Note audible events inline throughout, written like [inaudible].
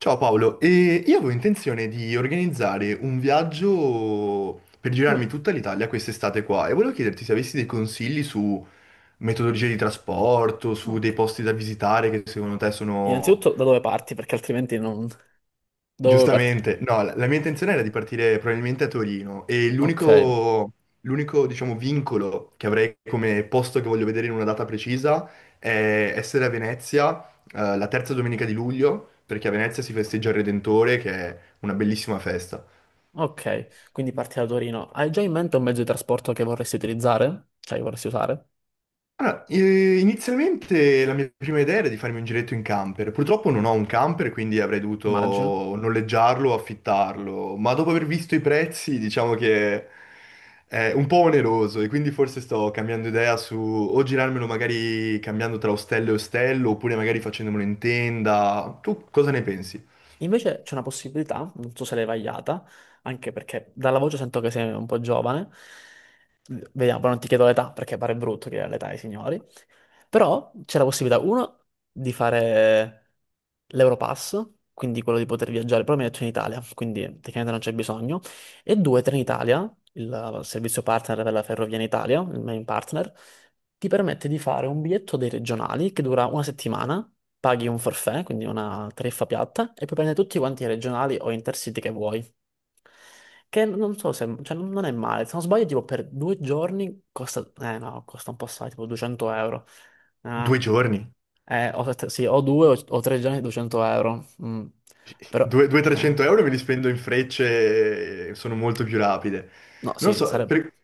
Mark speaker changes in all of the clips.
Speaker 1: Ciao Paolo, e io avevo intenzione di organizzare un viaggio per girarmi
Speaker 2: Mm,
Speaker 1: tutta l'Italia quest'estate qua e volevo chiederti se avessi dei consigli su metodologie di trasporto, su
Speaker 2: ok.
Speaker 1: dei posti da visitare che secondo te sono
Speaker 2: Innanzitutto da dove parti, perché altrimenti non. Da dove parti?
Speaker 1: giustamente, no, la mia intenzione era di partire probabilmente a Torino e
Speaker 2: Ok,
Speaker 1: l'unico, diciamo, vincolo che avrei come posto che voglio vedere in una data precisa è essere a Venezia, la terza domenica di luglio, perché a Venezia si festeggia il Redentore, che è una bellissima festa.
Speaker 2: ok. Quindi parti da Torino. Hai già in mente un mezzo di trasporto che vorresti utilizzare? Cioè, che vorresti usare?
Speaker 1: Allora, inizialmente la mia prima idea era di farmi un giretto in camper. Purtroppo non ho un camper, quindi avrei
Speaker 2: Immagino.
Speaker 1: dovuto noleggiarlo o affittarlo, ma dopo aver visto i prezzi, diciamo che è un po' oneroso e quindi forse sto cambiando idea su o girarmelo magari cambiando tra ostello e ostello, oppure magari facendomelo in tenda. Tu cosa ne pensi?
Speaker 2: Invece c'è una possibilità, non so se l'hai vagliata, anche perché dalla voce sento che sei un po' giovane. Vediamo, poi non ti chiedo l'età perché pare brutto chiedere l'età ai signori. Però c'è la possibilità, uno, di fare l'Europass, quindi quello di poter viaggiare, però mi ha detto in Italia, quindi tecnicamente non c'è bisogno. E due, Trenitalia, il servizio partner della Ferrovia in Italia, il main partner, ti permette di fare un biglietto dei regionali che dura una settimana, paghi un forfait, quindi una tariffa piatta, e puoi prendere tutti quanti i regionali o intercity che vuoi. Che non so se, cioè, non è male. Se non sbaglio, tipo per due giorni costa, eh no, costa un po' assai, tipo 200 euro.
Speaker 1: Due
Speaker 2: Ah,
Speaker 1: giorni,
Speaker 2: o, sì, o due o tre giorni 200 euro. Mm. Però,
Speaker 1: 200-300 euro me
Speaker 2: eh,
Speaker 1: li spendo in frecce e sono molto più rapide.
Speaker 2: no,
Speaker 1: Non
Speaker 2: sì,
Speaker 1: so,
Speaker 2: sarebbe,
Speaker 1: per...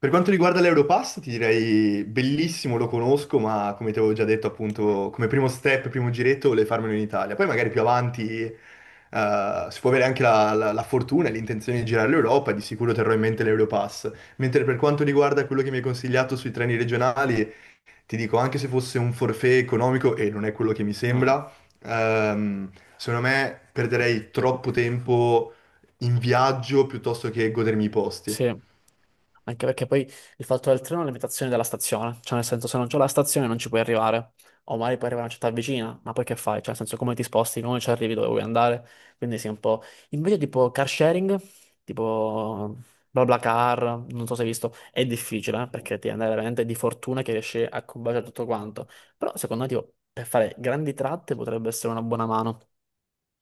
Speaker 1: Per quanto riguarda l'Europass, ti direi bellissimo, lo conosco, ma come ti avevo già detto, appunto, come primo step, primo giretto, volevo farmelo in Italia. Poi magari più avanti, si può avere anche la fortuna e l'intenzione di girare l'Europa, di sicuro terrò in mente l'Europass. Mentre per quanto riguarda quello che mi hai consigliato sui treni regionali, ti dico, anche se fosse un forfait economico, e non è quello che mi
Speaker 2: no,
Speaker 1: sembra, ehm, secondo me perderei troppo tempo in viaggio piuttosto che godermi i posti.
Speaker 2: sì. Anche perché poi il fatto del treno è una limitazione della stazione, cioè nel senso se non c'è la stazione non ci puoi arrivare, o magari puoi arrivare a una città vicina, ma poi che fai? Cioè nel senso come ti sposti, come ci arrivi dove vuoi andare, quindi sì un po'. Invece tipo car sharing, tipo BlaBlaCar, non so se hai visto, è difficile perché ti andare veramente di fortuna che riesci a combaciare tutto quanto, però secondo me tipo, per fare grandi tratte potrebbe essere una buona mano.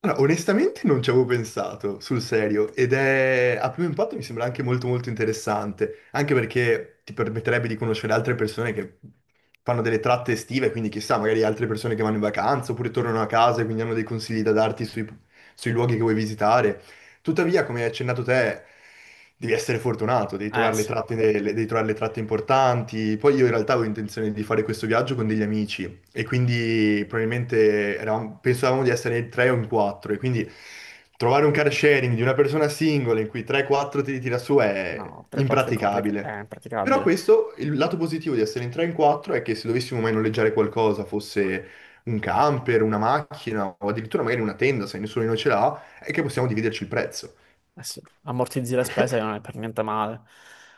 Speaker 1: Allora, onestamente non ci avevo pensato, sul serio, ed è a primo impatto mi sembra anche molto molto interessante, anche perché ti permetterebbe di conoscere altre persone che fanno delle tratte estive, quindi chissà, magari altre persone che vanno in vacanza oppure tornano a casa e quindi hanno dei consigli da darti sui, sui luoghi che vuoi visitare. Tuttavia, come hai accennato te, devi essere fortunato, devi
Speaker 2: Eh
Speaker 1: trovare le
Speaker 2: sì,
Speaker 1: tratte, devi trovare le tratte importanti. Poi io in realtà avevo intenzione di fare questo viaggio con degli amici e quindi probabilmente pensavamo di essere in tre o in quattro e quindi trovare un car sharing di una persona singola in cui 3-4 ti tira su è
Speaker 2: no, 3-4 è complicato,
Speaker 1: impraticabile.
Speaker 2: è
Speaker 1: Però
Speaker 2: impraticabile.
Speaker 1: questo, il lato positivo di essere in 3 in 4 è che se dovessimo mai noleggiare qualcosa, fosse un camper, una macchina o addirittura magari una tenda, se nessuno di noi ce l'ha, è che possiamo dividerci il prezzo,
Speaker 2: Eh sì, ammortizzi le spese non è per niente male.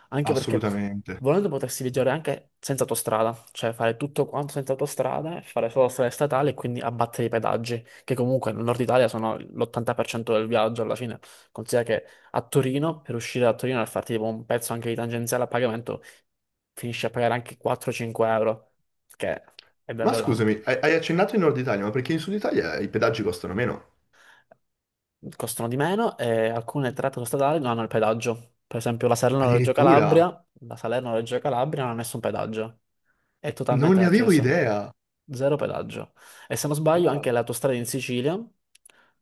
Speaker 2: Anche perché
Speaker 1: assolutamente.
Speaker 2: volendo potersi viaggiare anche senza autostrada, cioè fare tutto quanto senza autostrade, fare solo strade statali e quindi abbattere i pedaggi, che comunque nel nord Italia sono l'80% del viaggio alla fine. Considera che a Torino, per uscire da Torino e farti tipo un pezzo anche di tangenziale a pagamento, finisci a pagare anche 4-5 euro, che è
Speaker 1: Ma
Speaker 2: davvero tanto.
Speaker 1: scusami, hai accennato in Nord Italia, ma perché in Sud Italia i pedaggi costano meno?
Speaker 2: Costano di meno e alcune tratte stradali non hanno il pedaggio. Per esempio la Salerno-Reggio
Speaker 1: Addirittura,
Speaker 2: Calabria, la Salerno-Reggio Calabria non ha nessun pedaggio, è
Speaker 1: non
Speaker 2: totalmente
Speaker 1: ne avevo
Speaker 2: accesa,
Speaker 1: idea.
Speaker 2: zero pedaggio. E se non sbaglio
Speaker 1: Wow,
Speaker 2: anche le autostrade in Sicilia,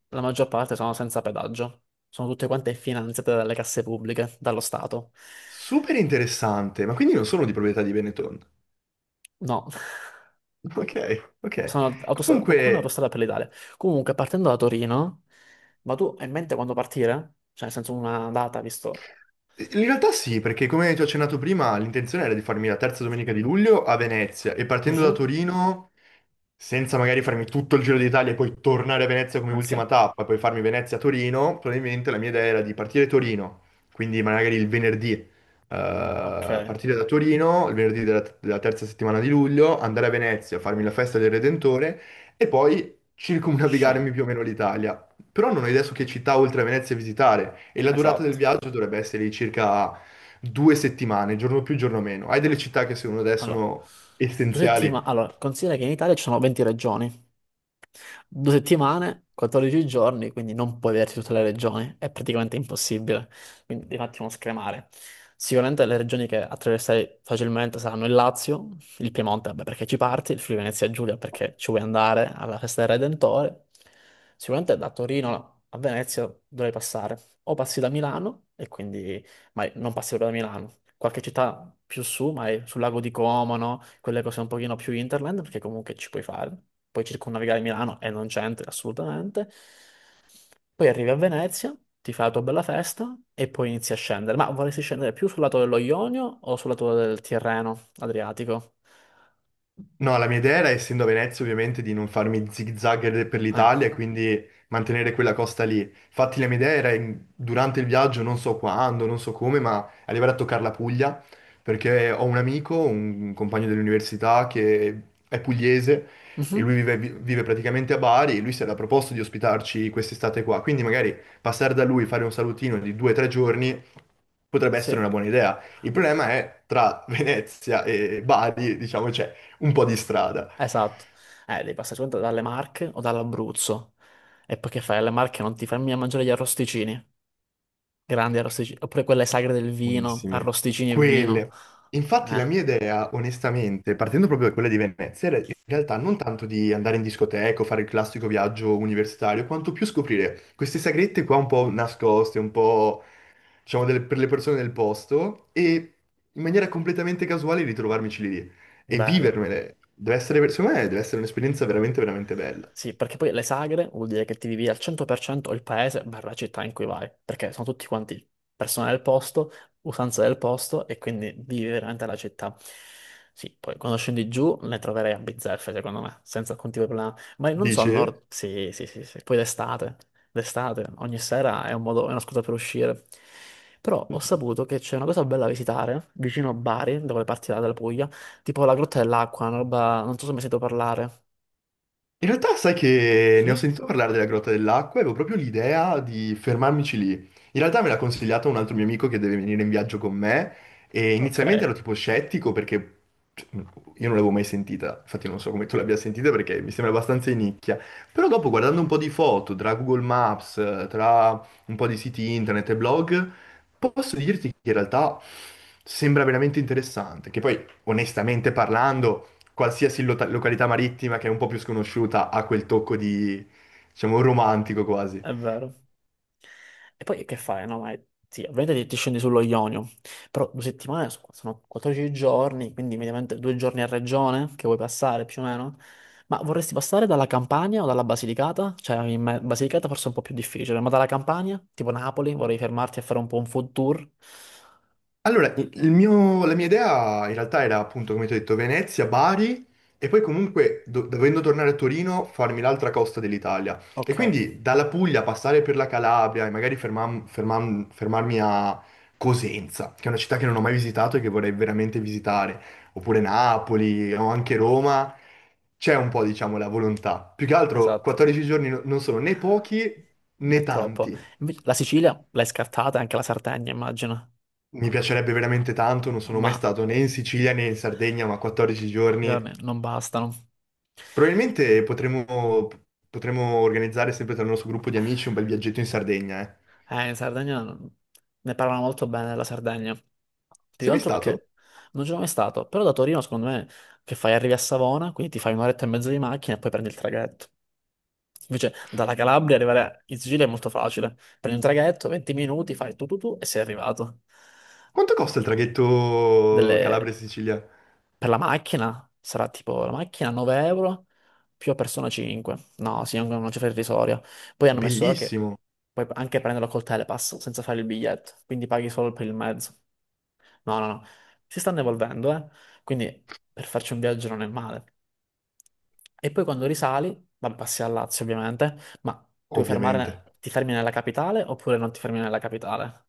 Speaker 2: la maggior parte sono senza pedaggio, sono tutte quante finanziate dalle casse pubbliche, dallo Stato.
Speaker 1: super interessante, ma quindi non sono di proprietà di Benetton. [laughs]
Speaker 2: No, [laughs]
Speaker 1: Ok, ok.
Speaker 2: sono autostrada, qualcuna
Speaker 1: Comunque,
Speaker 2: autostrada per l'Italia. Comunque, partendo da Torino, ma tu hai in mente quando partire? Cioè, nel senso una data, visto.
Speaker 1: in realtà sì, perché come ti ho accennato prima, l'intenzione era di farmi la terza domenica di luglio a Venezia e partendo da
Speaker 2: Mhm.
Speaker 1: Torino, senza magari farmi tutto il Giro d'Italia e poi tornare a Venezia come ultima
Speaker 2: Venezia.
Speaker 1: tappa e poi farmi Venezia-Torino, probabilmente la mia idea era di partire a Torino, quindi magari il venerdì,
Speaker 2: Ok,
Speaker 1: partire da Torino, il venerdì della, della terza settimana di luglio, andare a Venezia, farmi la festa del Redentore e poi
Speaker 2: Shen,
Speaker 1: circumnavigarmi più o meno l'Italia. Però non ho idea su che città oltre a Venezia visitare e la durata del
Speaker 2: esatto.
Speaker 1: viaggio dovrebbe essere di circa 2 settimane, giorno più, giorno meno. Hai delle città che secondo te
Speaker 2: Allora,
Speaker 1: sono
Speaker 2: due
Speaker 1: essenziali?
Speaker 2: settimane. Allora, considera che in Italia ci sono 20 regioni. Due settimane, 14 giorni, quindi non puoi vederti tutte le regioni, è praticamente impossibile, quindi devi un attimo scremare. Sicuramente le regioni che attraverserai facilmente saranno il Lazio, il Piemonte, vabbè, perché ci parti, il Friuli Venezia Giulia perché ci vuoi andare alla festa del Redentore. Sicuramente da Torino a Venezia dovrai passare, o passi da Milano e quindi, ma non passi proprio da Milano, qualche città più su, ma è sul lago di Como, no? Quelle cose un pochino più hinterland, perché comunque ci puoi fare. Puoi circumnavigare Milano e non c'entri assolutamente. Poi arrivi a Venezia, ti fai la tua bella festa e poi inizi a scendere. Ma vorresti scendere più sul lato dello Ionio o sul lato del Tirreno Adriatico?
Speaker 1: No, la mia idea era, essendo a Venezia, ovviamente, di non farmi zigzag per
Speaker 2: Eh,
Speaker 1: l'Italia e quindi mantenere quella costa lì. Infatti, la mia idea era durante il viaggio, non so quando, non so come, ma arrivare a toccare la Puglia, perché ho un amico, un compagno dell'università che è pugliese e lui
Speaker 2: mhm,
Speaker 1: vive, vive praticamente a Bari e lui si era proposto di ospitarci quest'estate qua. Quindi magari passare da lui, fare un salutino di 2 o 3 giorni potrebbe essere
Speaker 2: sì,
Speaker 1: una buona idea. Il
Speaker 2: Lo-
Speaker 1: problema è tra [laughs] Venezia e Bari, diciamo, c'è un po' di strada.
Speaker 2: esatto. Devi passare solamente dalle Marche o dall'Abruzzo. E poi che fai? Alle Marche non ti fermi a mangiare gli arrosticini. Grandi arrosticini. Oppure quelle sagre del vino,
Speaker 1: Buonissime.
Speaker 2: arrosticini e vino.
Speaker 1: Quelle. Infatti la
Speaker 2: Eh,
Speaker 1: mia idea, onestamente, partendo proprio da quella di Venezia, era in realtà non tanto di andare in discoteca o fare il classico viaggio universitario, quanto più scoprire queste sagrette qua un po' nascoste, un po', diciamo, delle- per le persone del posto e in maniera completamente casuale ritrovarmici lì e
Speaker 2: bello.
Speaker 1: vivermele. Deve essere, secondo me, deve essere un'esperienza veramente, veramente bella.
Speaker 2: Sì, perché poi le sagre vuol dire che ti vivi al 100% il paese barra città in cui vai, perché sono tutti quanti persone del posto, usanze del posto e quindi vivi veramente la città. Sì, poi quando scendi giù ne troverei a bizzeffe, secondo me, senza alcun tipo di problema. Ma non so, al
Speaker 1: Dici?
Speaker 2: nord, sì, sì, sì, sì. Poi d'estate, d'estate, ogni sera è un modo, è una scusa per uscire. Però ho saputo che c'è una cosa bella da visitare, vicino a Bari, dove partirà dalla Puglia, tipo la Grotta dell'Acqua, una roba, non so se mi hai sentito parlare.
Speaker 1: In realtà sai che ne ho
Speaker 2: Sì?
Speaker 1: sentito parlare della Grotta dell'Acqua e avevo proprio l'idea di fermarmici lì. In realtà me l'ha consigliato un altro mio amico che deve venire in viaggio con me e
Speaker 2: Ok,
Speaker 1: inizialmente ero tipo scettico perché cioè, io non l'avevo mai sentita, infatti non so come tu l'abbia sentita perché mi sembra abbastanza in nicchia. Però dopo guardando un po' di foto tra Google Maps, tra un po' di siti internet e blog, posso dirti che in realtà sembra veramente interessante, che poi onestamente parlando, qualsiasi località marittima che è un po' più sconosciuta ha quel tocco di, diciamo, romantico quasi.
Speaker 2: è vero. E poi che fai? No, ma sì, ovviamente ti scendi sullo Ionio, però due settimane sono 14 giorni, quindi mediamente due giorni a regione che vuoi passare più o meno. Ma vorresti passare dalla Campania o dalla Basilicata? Cioè, Basilicata forse è un po' più difficile, ma dalla Campania, tipo Napoli, vorrei fermarti a fare un po' un food tour.
Speaker 1: Allora, la mia idea in realtà era appunto, come ti ho detto, Venezia, Bari e poi comunque, dovendo tornare a Torino, farmi l'altra costa dell'Italia. E
Speaker 2: Ok,
Speaker 1: quindi dalla Puglia passare per la Calabria e magari fermarmi a Cosenza, che è una città che non ho mai visitato e che vorrei veramente visitare, oppure Napoli o anche Roma, c'è un po', diciamo, la volontà. Più che altro,
Speaker 2: esatto,
Speaker 1: 14 giorni non sono né pochi
Speaker 2: è
Speaker 1: né
Speaker 2: troppo.
Speaker 1: tanti.
Speaker 2: Invece la Sicilia l'hai scartata, anche la Sardegna immagino,
Speaker 1: Mi piacerebbe veramente tanto, non sono mai
Speaker 2: ma
Speaker 1: stato né in Sicilia né in Sardegna, ma 14 giorni.
Speaker 2: secondo me non bastano.
Speaker 1: Probabilmente potremmo, potremmo organizzare sempre tra il nostro gruppo di amici un bel viaggetto in Sardegna, eh.
Speaker 2: In Sardegna ne parlano molto bene della Sardegna. Più che
Speaker 1: Sei mai
Speaker 2: altro
Speaker 1: stato?
Speaker 2: perché non ci sono mai stato. Però da Torino, secondo me, che fai? Arrivi a Savona, quindi ti fai un'oretta e mezza di macchina e poi prendi il traghetto. Invece, dalla Calabria arrivare in Sicilia è molto facile. Prendi un traghetto, 20 minuti, fai tu tu tu e sei arrivato.
Speaker 1: Quanto costa il traghetto
Speaker 2: Delle,
Speaker 1: Calabria-Sicilia?
Speaker 2: per la macchina sarà tipo la macchina 9 € più a persona 5. No, sì, è una cifra irrisoria. Poi hanno messo ora che
Speaker 1: Bellissimo,
Speaker 2: puoi anche prenderlo col Telepass senza fare il biglietto, quindi paghi solo per il mezzo. No, no, no. Si stanno evolvendo, eh. Quindi per farci un viaggio non è male. E poi quando risali, vabbè, passi a Lazio ovviamente, ma tu vuoi
Speaker 1: ovviamente.
Speaker 2: fermare, ti fermi nella capitale oppure non ti fermi nella capitale?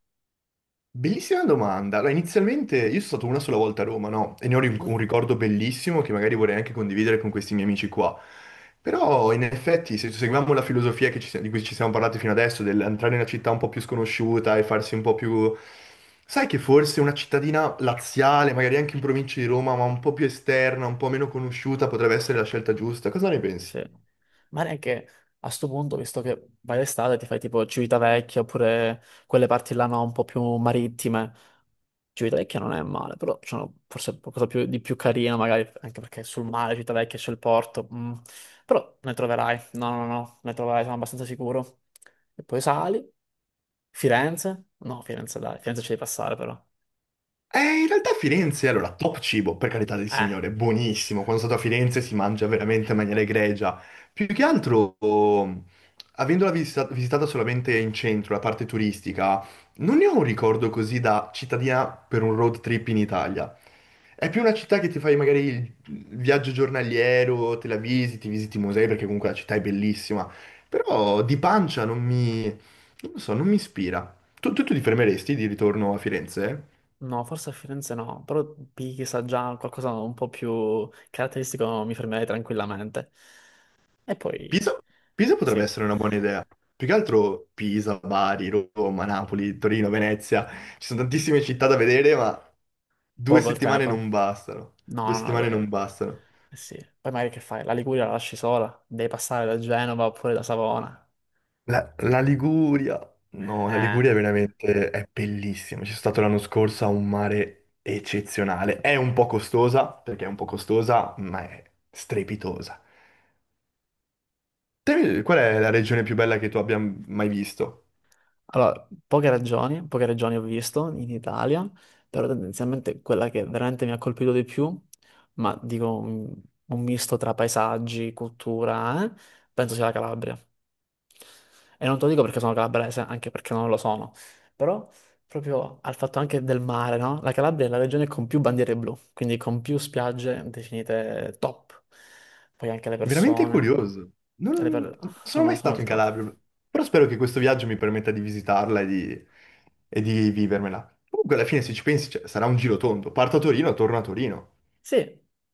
Speaker 1: Bellissima domanda. Allora, inizialmente io sono stato una sola volta a Roma, no? E ne ho un ricordo bellissimo che magari vorrei anche condividere con questi miei amici qua. Però in effetti, se seguiamo la filosofia che di cui ci siamo parlati fino adesso, dell'entrare in una città un po' più sconosciuta e farsi un po' più... Sai che forse una cittadina laziale, magari anche in provincia di Roma, ma un po' più esterna, un po' meno conosciuta, potrebbe essere la scelta giusta. Cosa ne pensi?
Speaker 2: Sì. Magari anche a sto punto, visto che vai d'estate, ti fai tipo Civitavecchia oppure quelle parti là no, un po' più marittime. Civitavecchia non è male, però c'è forse qualcosa di più carino, magari anche perché sul mare Civitavecchia c'è il porto. Mm. Però ne troverai, no, no, no, ne troverai, sono abbastanza sicuro. E poi sali, Firenze? No, Firenze dai, Firenze ci devi passare però.
Speaker 1: In realtà Firenze, allora, top cibo, per carità del
Speaker 2: Eh.
Speaker 1: Signore, buonissimo. Quando sono stato a Firenze si mangia veramente in maniera egregia. Più che altro, oh, avendola visitata solamente in centro, la parte turistica, non ne ho un ricordo così da cittadina per un road trip in Italia. È più una città che ti fai magari il viaggio giornaliero, te la visiti, visiti i musei, perché comunque la città è bellissima. Però di pancia non mi... non lo so, non mi ispira. Tu ti fermeresti di ritorno a Firenze?
Speaker 2: No, forse a Firenze no, però Pisa già qualcosa un po' più caratteristico mi fermerei tranquillamente. E poi,
Speaker 1: Pisa, Pisa potrebbe
Speaker 2: sì,
Speaker 1: essere una buona idea. Più che altro Pisa, Bari, Roma, Napoli, Torino, Venezia. Ci sono tantissime città da vedere, ma due
Speaker 2: poco il
Speaker 1: settimane non
Speaker 2: tempo.
Speaker 1: bastano. Due
Speaker 2: No, no, no,
Speaker 1: settimane non bastano.
Speaker 2: eh sì. Poi magari che fai? La Liguria la lasci sola, devi passare da Genova oppure da Savona.
Speaker 1: La Liguria. No, la
Speaker 2: Eh.
Speaker 1: Liguria è veramente è bellissima. Ci sono stato l'anno scorso a un mare eccezionale. È un po' costosa, perché è un po' costosa, ma è strepitosa. Te, qual è la regione più bella che tu abbia mai visto?
Speaker 2: Allora, poche ragioni ho visto in Italia, però tendenzialmente quella che veramente mi ha colpito di più, ma dico un misto tra paesaggi, cultura, penso sia la Calabria. E non te lo dico perché sono calabrese, anche perché non lo sono, però proprio al fatto anche del mare, no? La Calabria è la regione con più bandiere blu, quindi con più spiagge definite top. Poi anche le
Speaker 1: Veramente
Speaker 2: persone,
Speaker 1: curioso.
Speaker 2: le
Speaker 1: Non
Speaker 2: per-
Speaker 1: non sono
Speaker 2: sono
Speaker 1: mai
Speaker 2: sono
Speaker 1: stato
Speaker 2: il
Speaker 1: in
Speaker 2: top.
Speaker 1: Calabria, però spero che questo viaggio mi permetta di visitarla e di vivermela. Comunque, alla fine, se ci pensi, cioè, sarà un giro tondo. Parto a Torino, torno a Torino.
Speaker 2: Sì,